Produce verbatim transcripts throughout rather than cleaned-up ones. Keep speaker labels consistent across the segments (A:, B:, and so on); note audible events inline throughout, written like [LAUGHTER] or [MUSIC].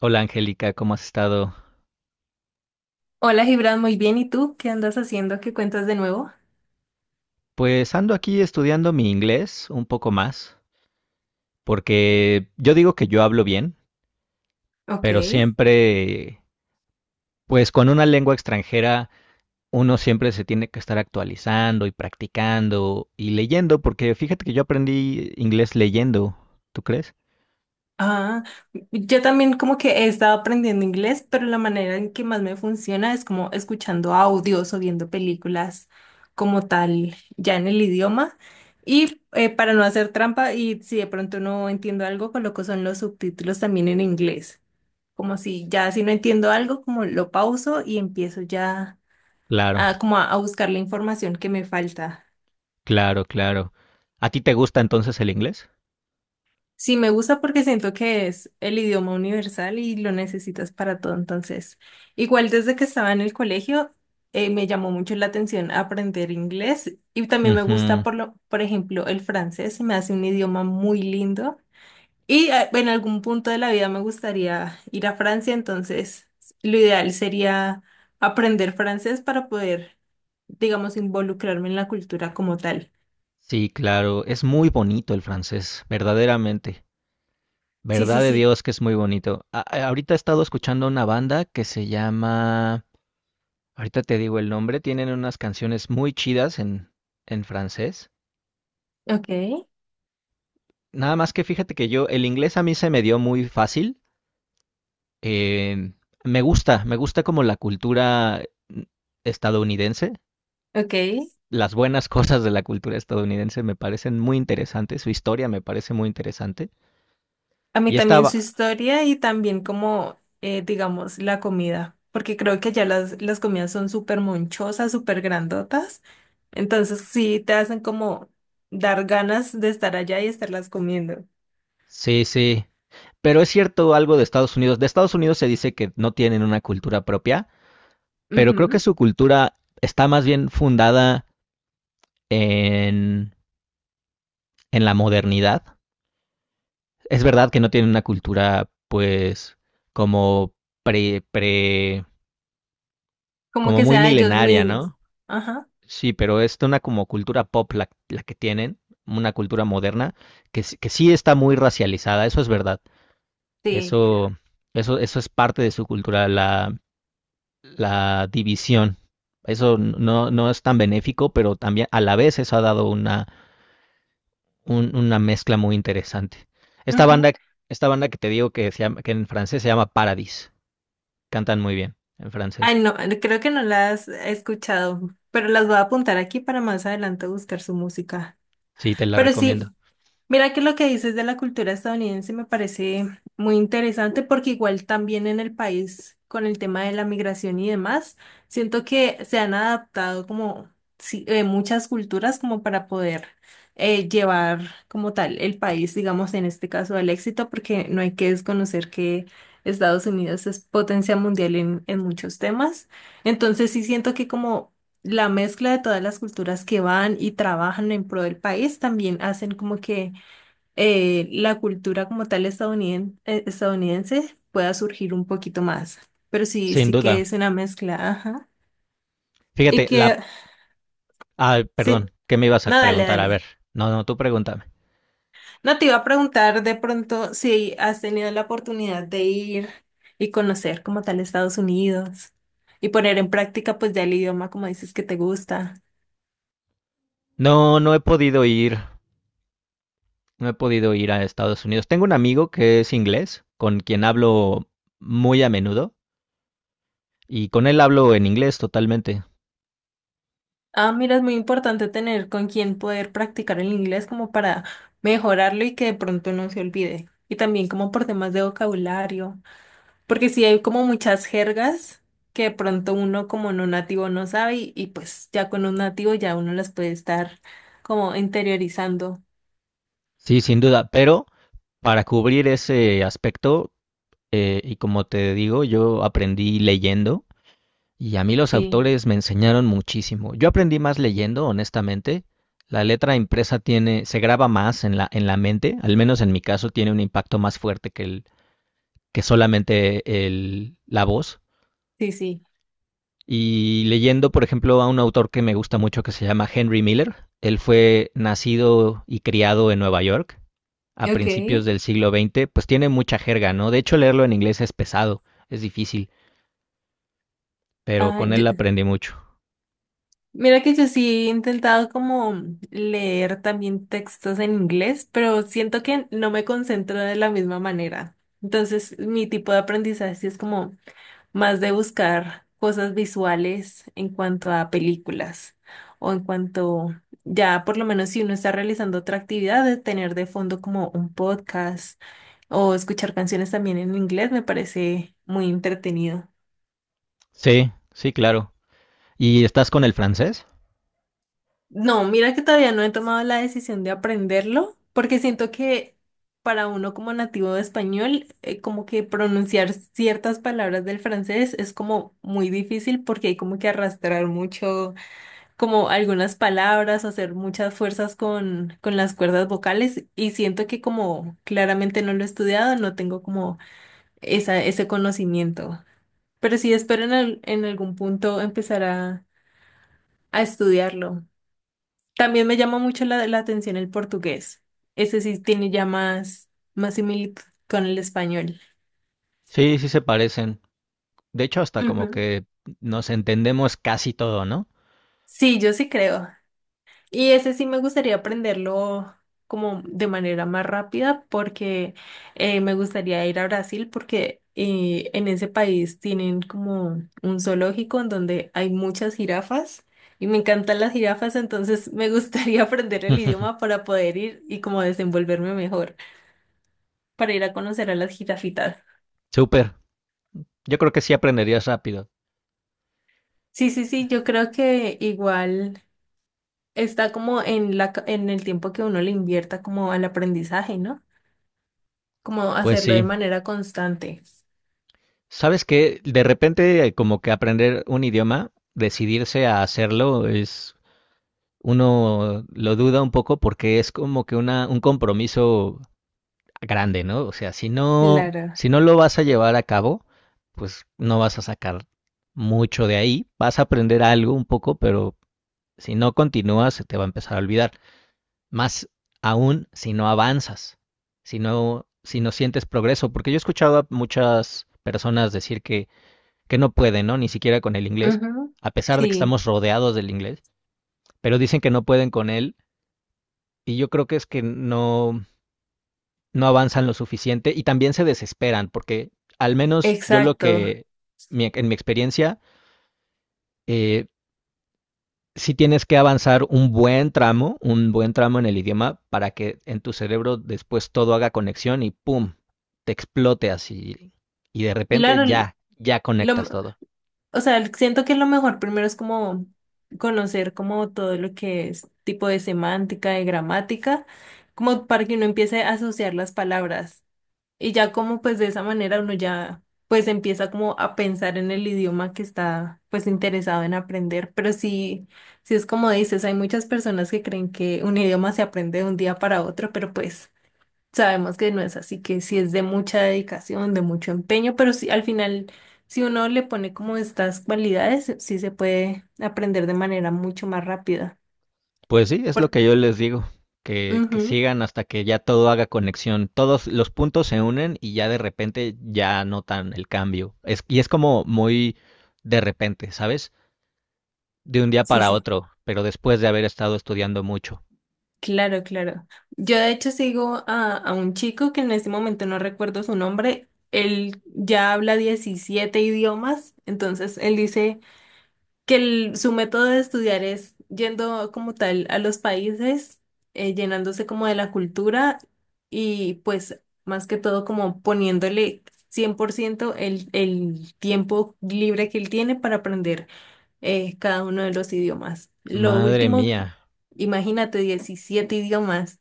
A: Hola Angélica, ¿cómo has estado?
B: Hola Gibran, muy bien. ¿Y tú qué andas haciendo? ¿Qué cuentas de nuevo?
A: Pues ando aquí estudiando mi inglés un poco más, porque yo digo que yo hablo bien,
B: Ok.
A: pero siempre, pues con una lengua extranjera, uno siempre se tiene que estar actualizando y practicando y leyendo, porque fíjate que yo aprendí inglés leyendo, ¿tú crees?
B: Ah, yo también como que he estado aprendiendo inglés, pero la manera en que más me funciona es como escuchando audios o viendo películas como tal, ya en el idioma. Y eh, para no hacer trampa y si de pronto no entiendo algo, coloco son los subtítulos también en inglés. Como si ya si no entiendo algo, como lo pauso y empiezo ya
A: Claro,
B: a, como a a buscar la información que me falta.
A: claro, claro. ¿A ti te gusta entonces el inglés?
B: Sí, me gusta porque siento que es el idioma universal y lo necesitas para todo. Entonces, igual desde que estaba en el colegio, eh, me llamó mucho la atención aprender inglés y también me gusta,
A: Ujú.
B: por lo, por ejemplo, el francés, se me hace un idioma muy lindo. Y eh, en algún punto de la vida me gustaría ir a Francia, entonces lo ideal sería aprender francés para poder, digamos, involucrarme en la cultura como tal.
A: Sí, claro, es muy bonito el francés, verdaderamente.
B: Sí, sí,
A: Verdad de
B: sí.
A: Dios que es muy bonito. A- a- ahorita he estado escuchando una banda que se llama, ahorita te digo el nombre, tienen unas canciones muy chidas en, en francés.
B: Ok,
A: Nada más que fíjate que yo, el inglés a mí se me dio muy fácil. eh, Me gusta, me gusta como la cultura mm, estadounidense.
B: ok.
A: Las buenas [LAUGHS] cosas de la cultura estadounidense me parecen muy interesantes, su historia me parece muy interesante.
B: A mí
A: Y
B: también su
A: estaba,
B: historia y también como, eh, digamos, la comida, porque creo que allá las, las comidas son súper monchosas, súper grandotas, entonces sí te hacen como dar ganas de estar allá y estarlas comiendo.
A: sí, sí. Pero es cierto algo de Estados Unidos. De Estados Unidos se dice que no tienen una cultura propia, pero creo que
B: Ujú.
A: su cultura está más bien fundada en, en la modernidad. Es verdad que no tienen una cultura, pues, como pre, pre,
B: Como
A: como
B: que
A: muy
B: sea ellos
A: milenaria,
B: mismos.
A: ¿no?
B: Ajá,
A: Sí, pero es una como cultura pop la, la que tienen, una cultura moderna, que, s- que sí está muy racializada, eso es verdad.
B: sí.
A: Eso, eso, eso es parte de su cultura, la la división. Eso no, no es tan benéfico, pero también a la vez eso ha dado una, un- una mezcla muy interesante. Esta
B: Ujú.
A: banda, esta banda que te digo que, se llama, que en francés se llama Paradis. Cantan muy bien en francés.
B: Ay, no, creo que no las he escuchado, pero las voy a apuntar aquí para más adelante buscar su música.
A: Sí, te la
B: Pero
A: recomiendo.
B: sí, mira que lo que dices de la cultura estadounidense me parece muy interesante porque igual también en el país con el tema de la migración y demás, siento que se han adaptado como sí, eh, muchas culturas como para poder eh, llevar como tal el país, digamos en este caso al éxito, porque no hay que desconocer que Estados Unidos es potencia mundial en, en muchos temas. Entonces sí siento que como la mezcla de todas las culturas que van y trabajan en pro del país también hacen como que eh, la cultura como tal estadouniden- eh, estadounidense pueda surgir un poquito más. Pero sí,
A: Sin
B: sí que
A: duda.
B: es una mezcla, ajá. Y
A: Fíjate, la...
B: que,
A: Ah,
B: sí,
A: perdón, ¿qué me ibas a
B: no, dale,
A: preguntar? A ver.
B: dale.
A: No, no, tú pregúntame.
B: No te iba a preguntar de pronto si has tenido la oportunidad de ir y conocer como tal Estados Unidos y poner en práctica pues ya el idioma como dices que te gusta.
A: No, no he podido ir. No he podido ir a Estados Unidos. Tengo un amigo que es inglés, con quien hablo muy a menudo, y con él hablo en inglés totalmente.
B: Ah, mira, es muy importante tener con quién poder practicar el inglés como para mejorarlo y que de pronto no se olvide. Y también como por temas de vocabulario. Porque sí hay como muchas jergas que de pronto uno como no nativo no sabe y, y pues ya con un nativo ya uno las puede estar como interiorizando.
A: Sí, sin duda, pero para cubrir ese aspecto, eh, y como te digo, yo aprendí leyendo y a mí los
B: Sí,
A: autores me enseñaron muchísimo. Yo aprendí más leyendo, honestamente. La letra impresa tiene, se graba más en la, en la mente, al menos en mi caso tiene un impacto más fuerte que el, que solamente el, la voz.
B: sí, sí.
A: Y leyendo, por ejemplo, a un autor que me gusta mucho que se llama Henry Miller. Él fue nacido y criado en Nueva York a
B: Ok.
A: principios del siglo veinte, pues tiene mucha jerga, ¿no? De hecho, leerlo en inglés es pesado, es difícil, pero
B: Ah,
A: con él
B: yo-
A: aprendí mucho.
B: mira que yo sí he intentado como leer también textos en inglés, pero siento que no me concentro de la misma manera. Entonces mi tipo de aprendizaje sí es como más de buscar cosas visuales en cuanto a películas o en cuanto ya por lo menos si uno está realizando otra actividad, de tener de fondo como un podcast o escuchar canciones también en inglés me parece muy entretenido.
A: Sí, sí, claro. ¿Y estás con el francés?
B: No, mira que todavía no he tomado la decisión de aprenderlo porque siento que para uno como nativo de español, eh, como que pronunciar ciertas palabras del francés es como muy difícil porque hay como que arrastrar mucho como algunas palabras, hacer muchas fuerzas con, con las cuerdas vocales y siento que como claramente no lo he estudiado, no tengo como esa, ese conocimiento. Pero sí espero en, al- en algún punto empezar a, a estudiarlo. También me llama mucho la, la atención el portugués. Ese sí tiene ya más, más similitud con el español.
A: Sí, sí se parecen. De hecho, hasta como
B: Ujú.
A: que nos entendemos casi todo, ¿no?
B: Sí, yo sí creo. Y ese sí me gustaría aprenderlo como de manera más rápida porque eh, me gustaría ir a Brasil porque eh, en ese país tienen como un zoológico en donde hay muchas jirafas y me encantan las jirafas, entonces me gustaría [LAUGHS] aprender el idioma
A: [LAUGHS]
B: para poder ir y como desenvolverme mejor para ir a conocer a las jirafitas.
A: Súper. Yo creo que sí aprenderías rápido.
B: Sí, sí, sí, yo creo que igual está como en la, ca- en el tiempo que uno le invierta como al aprendizaje, ¿no? Como
A: Pues
B: hacerlo de
A: sí.
B: manera constante.
A: ¿Sabes qué? De repente, eh, como que aprender un idioma, decidirse a hacerlo, es uno lo duda un poco porque es como que una, un compromiso grande, ¿no? O sea, si no,
B: Claro.
A: si no lo vas a llevar a cabo, pues no vas a sacar mucho de ahí, vas a aprender algo un poco, pero si no continúas se te va a empezar a olvidar. Más aún si no avanzas, si no, si no sientes progreso, porque yo he escuchado a muchas personas decir que, que no pueden, ¿no? Ni siquiera con el inglés,
B: Ujú.
A: a pesar de que
B: Sí.
A: estamos rodeados del inglés, pero dicen que no pueden con él y yo creo que es que no, no avanzan lo suficiente y también se desesperan, porque al menos yo lo
B: Exacto.
A: que, mi- en mi experiencia, eh, sí tienes que avanzar un buen tramo, un buen tramo en el idioma para que en tu cerebro después todo haga conexión y ¡pum! Te explote así y de repente
B: Claro, l-
A: ya, ya
B: lo, m-
A: conectas todo.
B: o sea, l- siento que lo mejor primero es como conocer como todo lo que es tipo de semántica, de gramática, como para que uno empiece a asociar las palabras. Y ya como pues de esa manera uno ya pues empieza como a pensar en el idioma que está pues interesado en aprender. Pero sí, sí es como dices, hay muchas personas que creen que un idioma se aprende de un día para otro, pero pues sabemos que no es así, que sí es de mucha dedicación, de mucho empeño, pero sí al final si uno le pone como estas cualidades, sí se puede aprender de manera mucho más rápida.
A: Pues sí, es lo
B: Por...
A: que yo les digo, que, que
B: Ujú,
A: sigan hasta que ya todo haga conexión, todos los puntos se unen y ya de repente ya notan el cambio. Es, y es como muy de repente, ¿sabes? De un día
B: sí,
A: para
B: sí.
A: otro, pero después de haber estado estudiando mucho.
B: Claro, claro. Yo de hecho sigo a, a un chico que en este momento no recuerdo su nombre. Él ya habla diecisiete idiomas, entonces él dice que el- su método de estudiar es yendo como tal a los países, eh, llenándose como de la cultura y pues más que todo como poniéndole cien por ciento el, el tiempo libre que él tiene para aprender es cada uno de los idiomas. Lo
A: Madre
B: último,
A: mía,
B: imagínate diecisiete idiomas.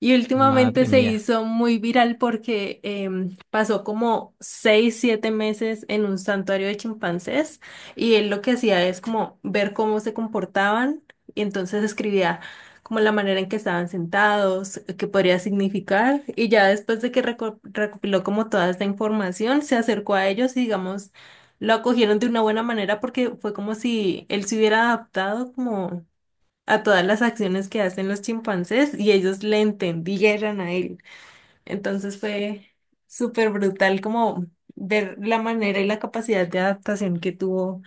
B: Y últimamente
A: madre
B: se
A: mía.
B: hizo muy viral porque em, pasó como seis, siete meses en un santuario de chimpancés y él lo que hacía es como ver cómo se comportaban y entonces escribía como la manera en que estaban sentados, qué podría significar y ya después de que reco- recopiló como toda esta información, se acercó a ellos y digamos lo acogieron de una buena manera porque fue como si él se hubiera adaptado a todas las acciones que hacen los chimpancés y ellos le entendieran a él. Entonces fue súper brutal como ver la manera y la capacidad de adaptación que tuvo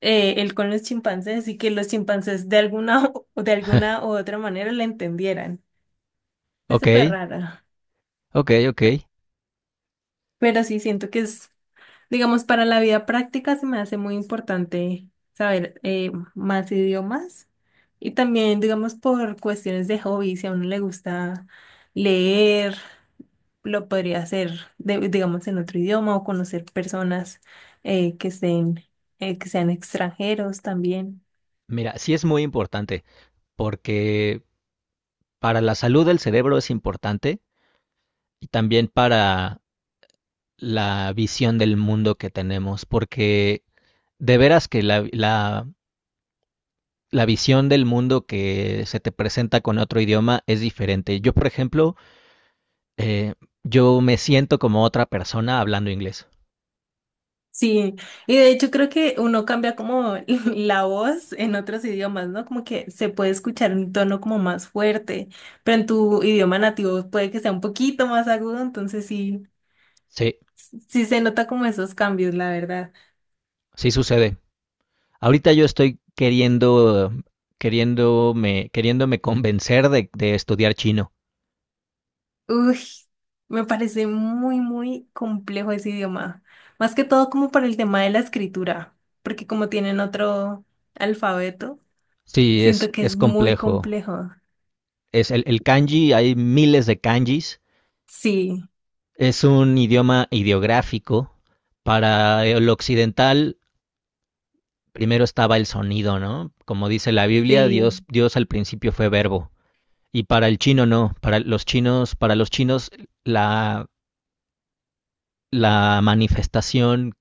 B: eh, él con los chimpancés y que los chimpancés de alguna [LAUGHS] o de alguna u
A: [LAUGHS]
B: otra manera le entendieran. Fue
A: Ok,
B: súper raro,
A: ok, ok.
B: pero sí siento que es digamos, para la vida práctica se me hace muy importante saber eh, más idiomas y también, digamos, por cuestiones de hobby, si a uno le gusta leer, lo podría hacer, de- digamos, en otro idioma o conocer personas eh, que estén, eh, que sean extranjeros también.
A: Mira, sí es muy importante, porque para la salud del cerebro es importante y también para la visión del mundo que tenemos, porque de veras que la, la, la visión del mundo que se te presenta con otro idioma es diferente. Yo, por ejemplo, eh, yo me siento como otra persona hablando inglés.
B: Sí, y de hecho creo que uno cambia como [LAUGHS] la voz en otros idiomas, ¿no? Como que se puede escuchar un tono como más fuerte, pero en tu idioma nativo puede que sea un poquito más agudo, entonces sí,
A: Sí,
B: sí se nota como esos cambios, la verdad.
A: sí sucede. Ahorita yo estoy queriendo, queriéndome, queriéndome convencer de, de estudiar chino.
B: Uy, me parece muy, muy complejo ese idioma, más que todo como para el tema de la escritura, porque como tienen otro alfabeto,
A: Sí, es,
B: siento que es
A: es
B: muy
A: complejo.
B: complejo.
A: Es el, el kanji, hay miles de kanjis.
B: Sí,
A: Es un idioma ideográfico. Para el occidental primero estaba el sonido, ¿no? Como dice la Biblia,
B: sí,
A: Dios, Dios al principio fue verbo. Y para el chino no, para los chinos, para los chinos la, la manifestación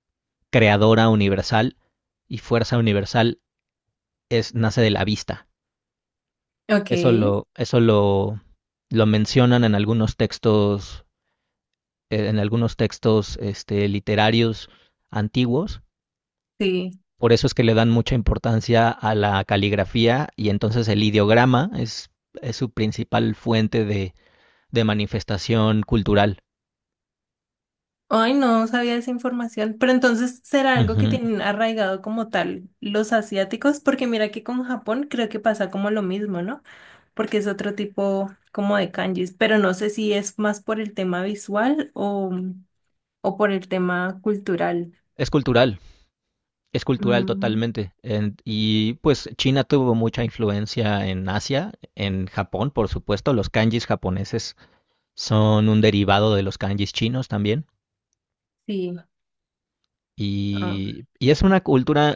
A: creadora universal y fuerza universal es, nace de la vista.
B: ok,
A: Eso lo, eso lo, lo mencionan en algunos textos, en algunos textos este, literarios antiguos.
B: sí.
A: Por eso es que le dan mucha importancia a la caligrafía y entonces el ideograma es, es su principal fuente de, de manifestación cultural.
B: Ay, no sabía esa información. Pero entonces, ¿será algo que
A: Ujú.
B: tienen arraigado como tal los asiáticos? Porque mira que con Japón creo que pasa como lo mismo, ¿no? Porque es otro tipo como de kanjis, pero no sé si es más por el tema visual o, o por el tema cultural.
A: Es cultural, es cultural
B: Mm,
A: totalmente. En- y pues China tuvo mucha influencia en Asia, en Japón, por supuesto. Los kanjis japoneses son un derivado de los kanjis chinos también.
B: sí, ah,
A: Y, y es una cultura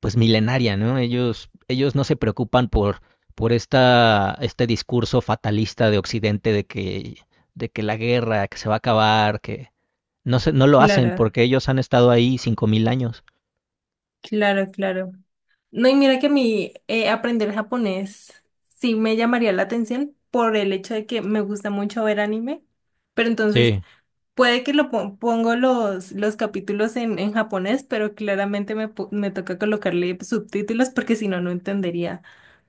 A: pues milenaria, ¿no? Ellos, ellos no se preocupan por, por esta, este discurso fatalista de Occidente de que, de que la guerra, que se va a acabar, que no, se, no lo hacen
B: claro,
A: porque ellos han estado ahí cinco mil años.
B: claro, claro. No, y mira que a mí eh, aprender japonés sí me llamaría la atención por el hecho de que me gusta mucho ver anime. Pero entonces
A: Sí,
B: puede que lo pon- pongo los, los capítulos en, en japonés, pero claramente me, po- me toca colocarle subtítulos porque si no, no entendería.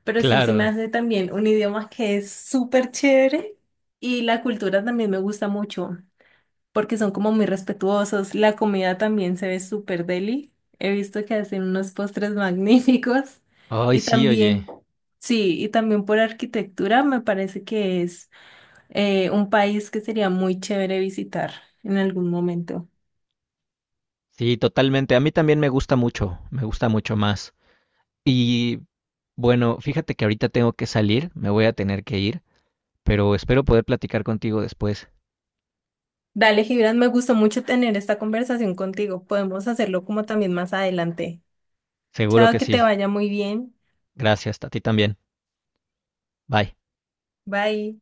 B: Pero sí, se me
A: claro.
B: hace también un idioma que es súper chévere y la cultura también me gusta mucho porque son como muy respetuosos. La comida también se ve súper deli. He visto que hacen unos postres magníficos
A: Ay,
B: y
A: sí,
B: también,
A: oye.
B: sí, y también por arquitectura me parece que es. Eh, un país que sería muy chévere visitar en algún momento.
A: Sí, totalmente. A mí también me gusta mucho, me gusta mucho más. Y bueno, fíjate que ahorita tengo que salir, me voy a tener que ir, pero espero poder platicar contigo después.
B: Dale, Gibran, me gustó mucho tener esta conversación contigo. Podemos hacerlo como también más adelante.
A: Seguro
B: Chao,
A: que
B: que
A: sí.
B: te vaya muy bien.
A: Gracias, a ti también. Bye.
B: Bye.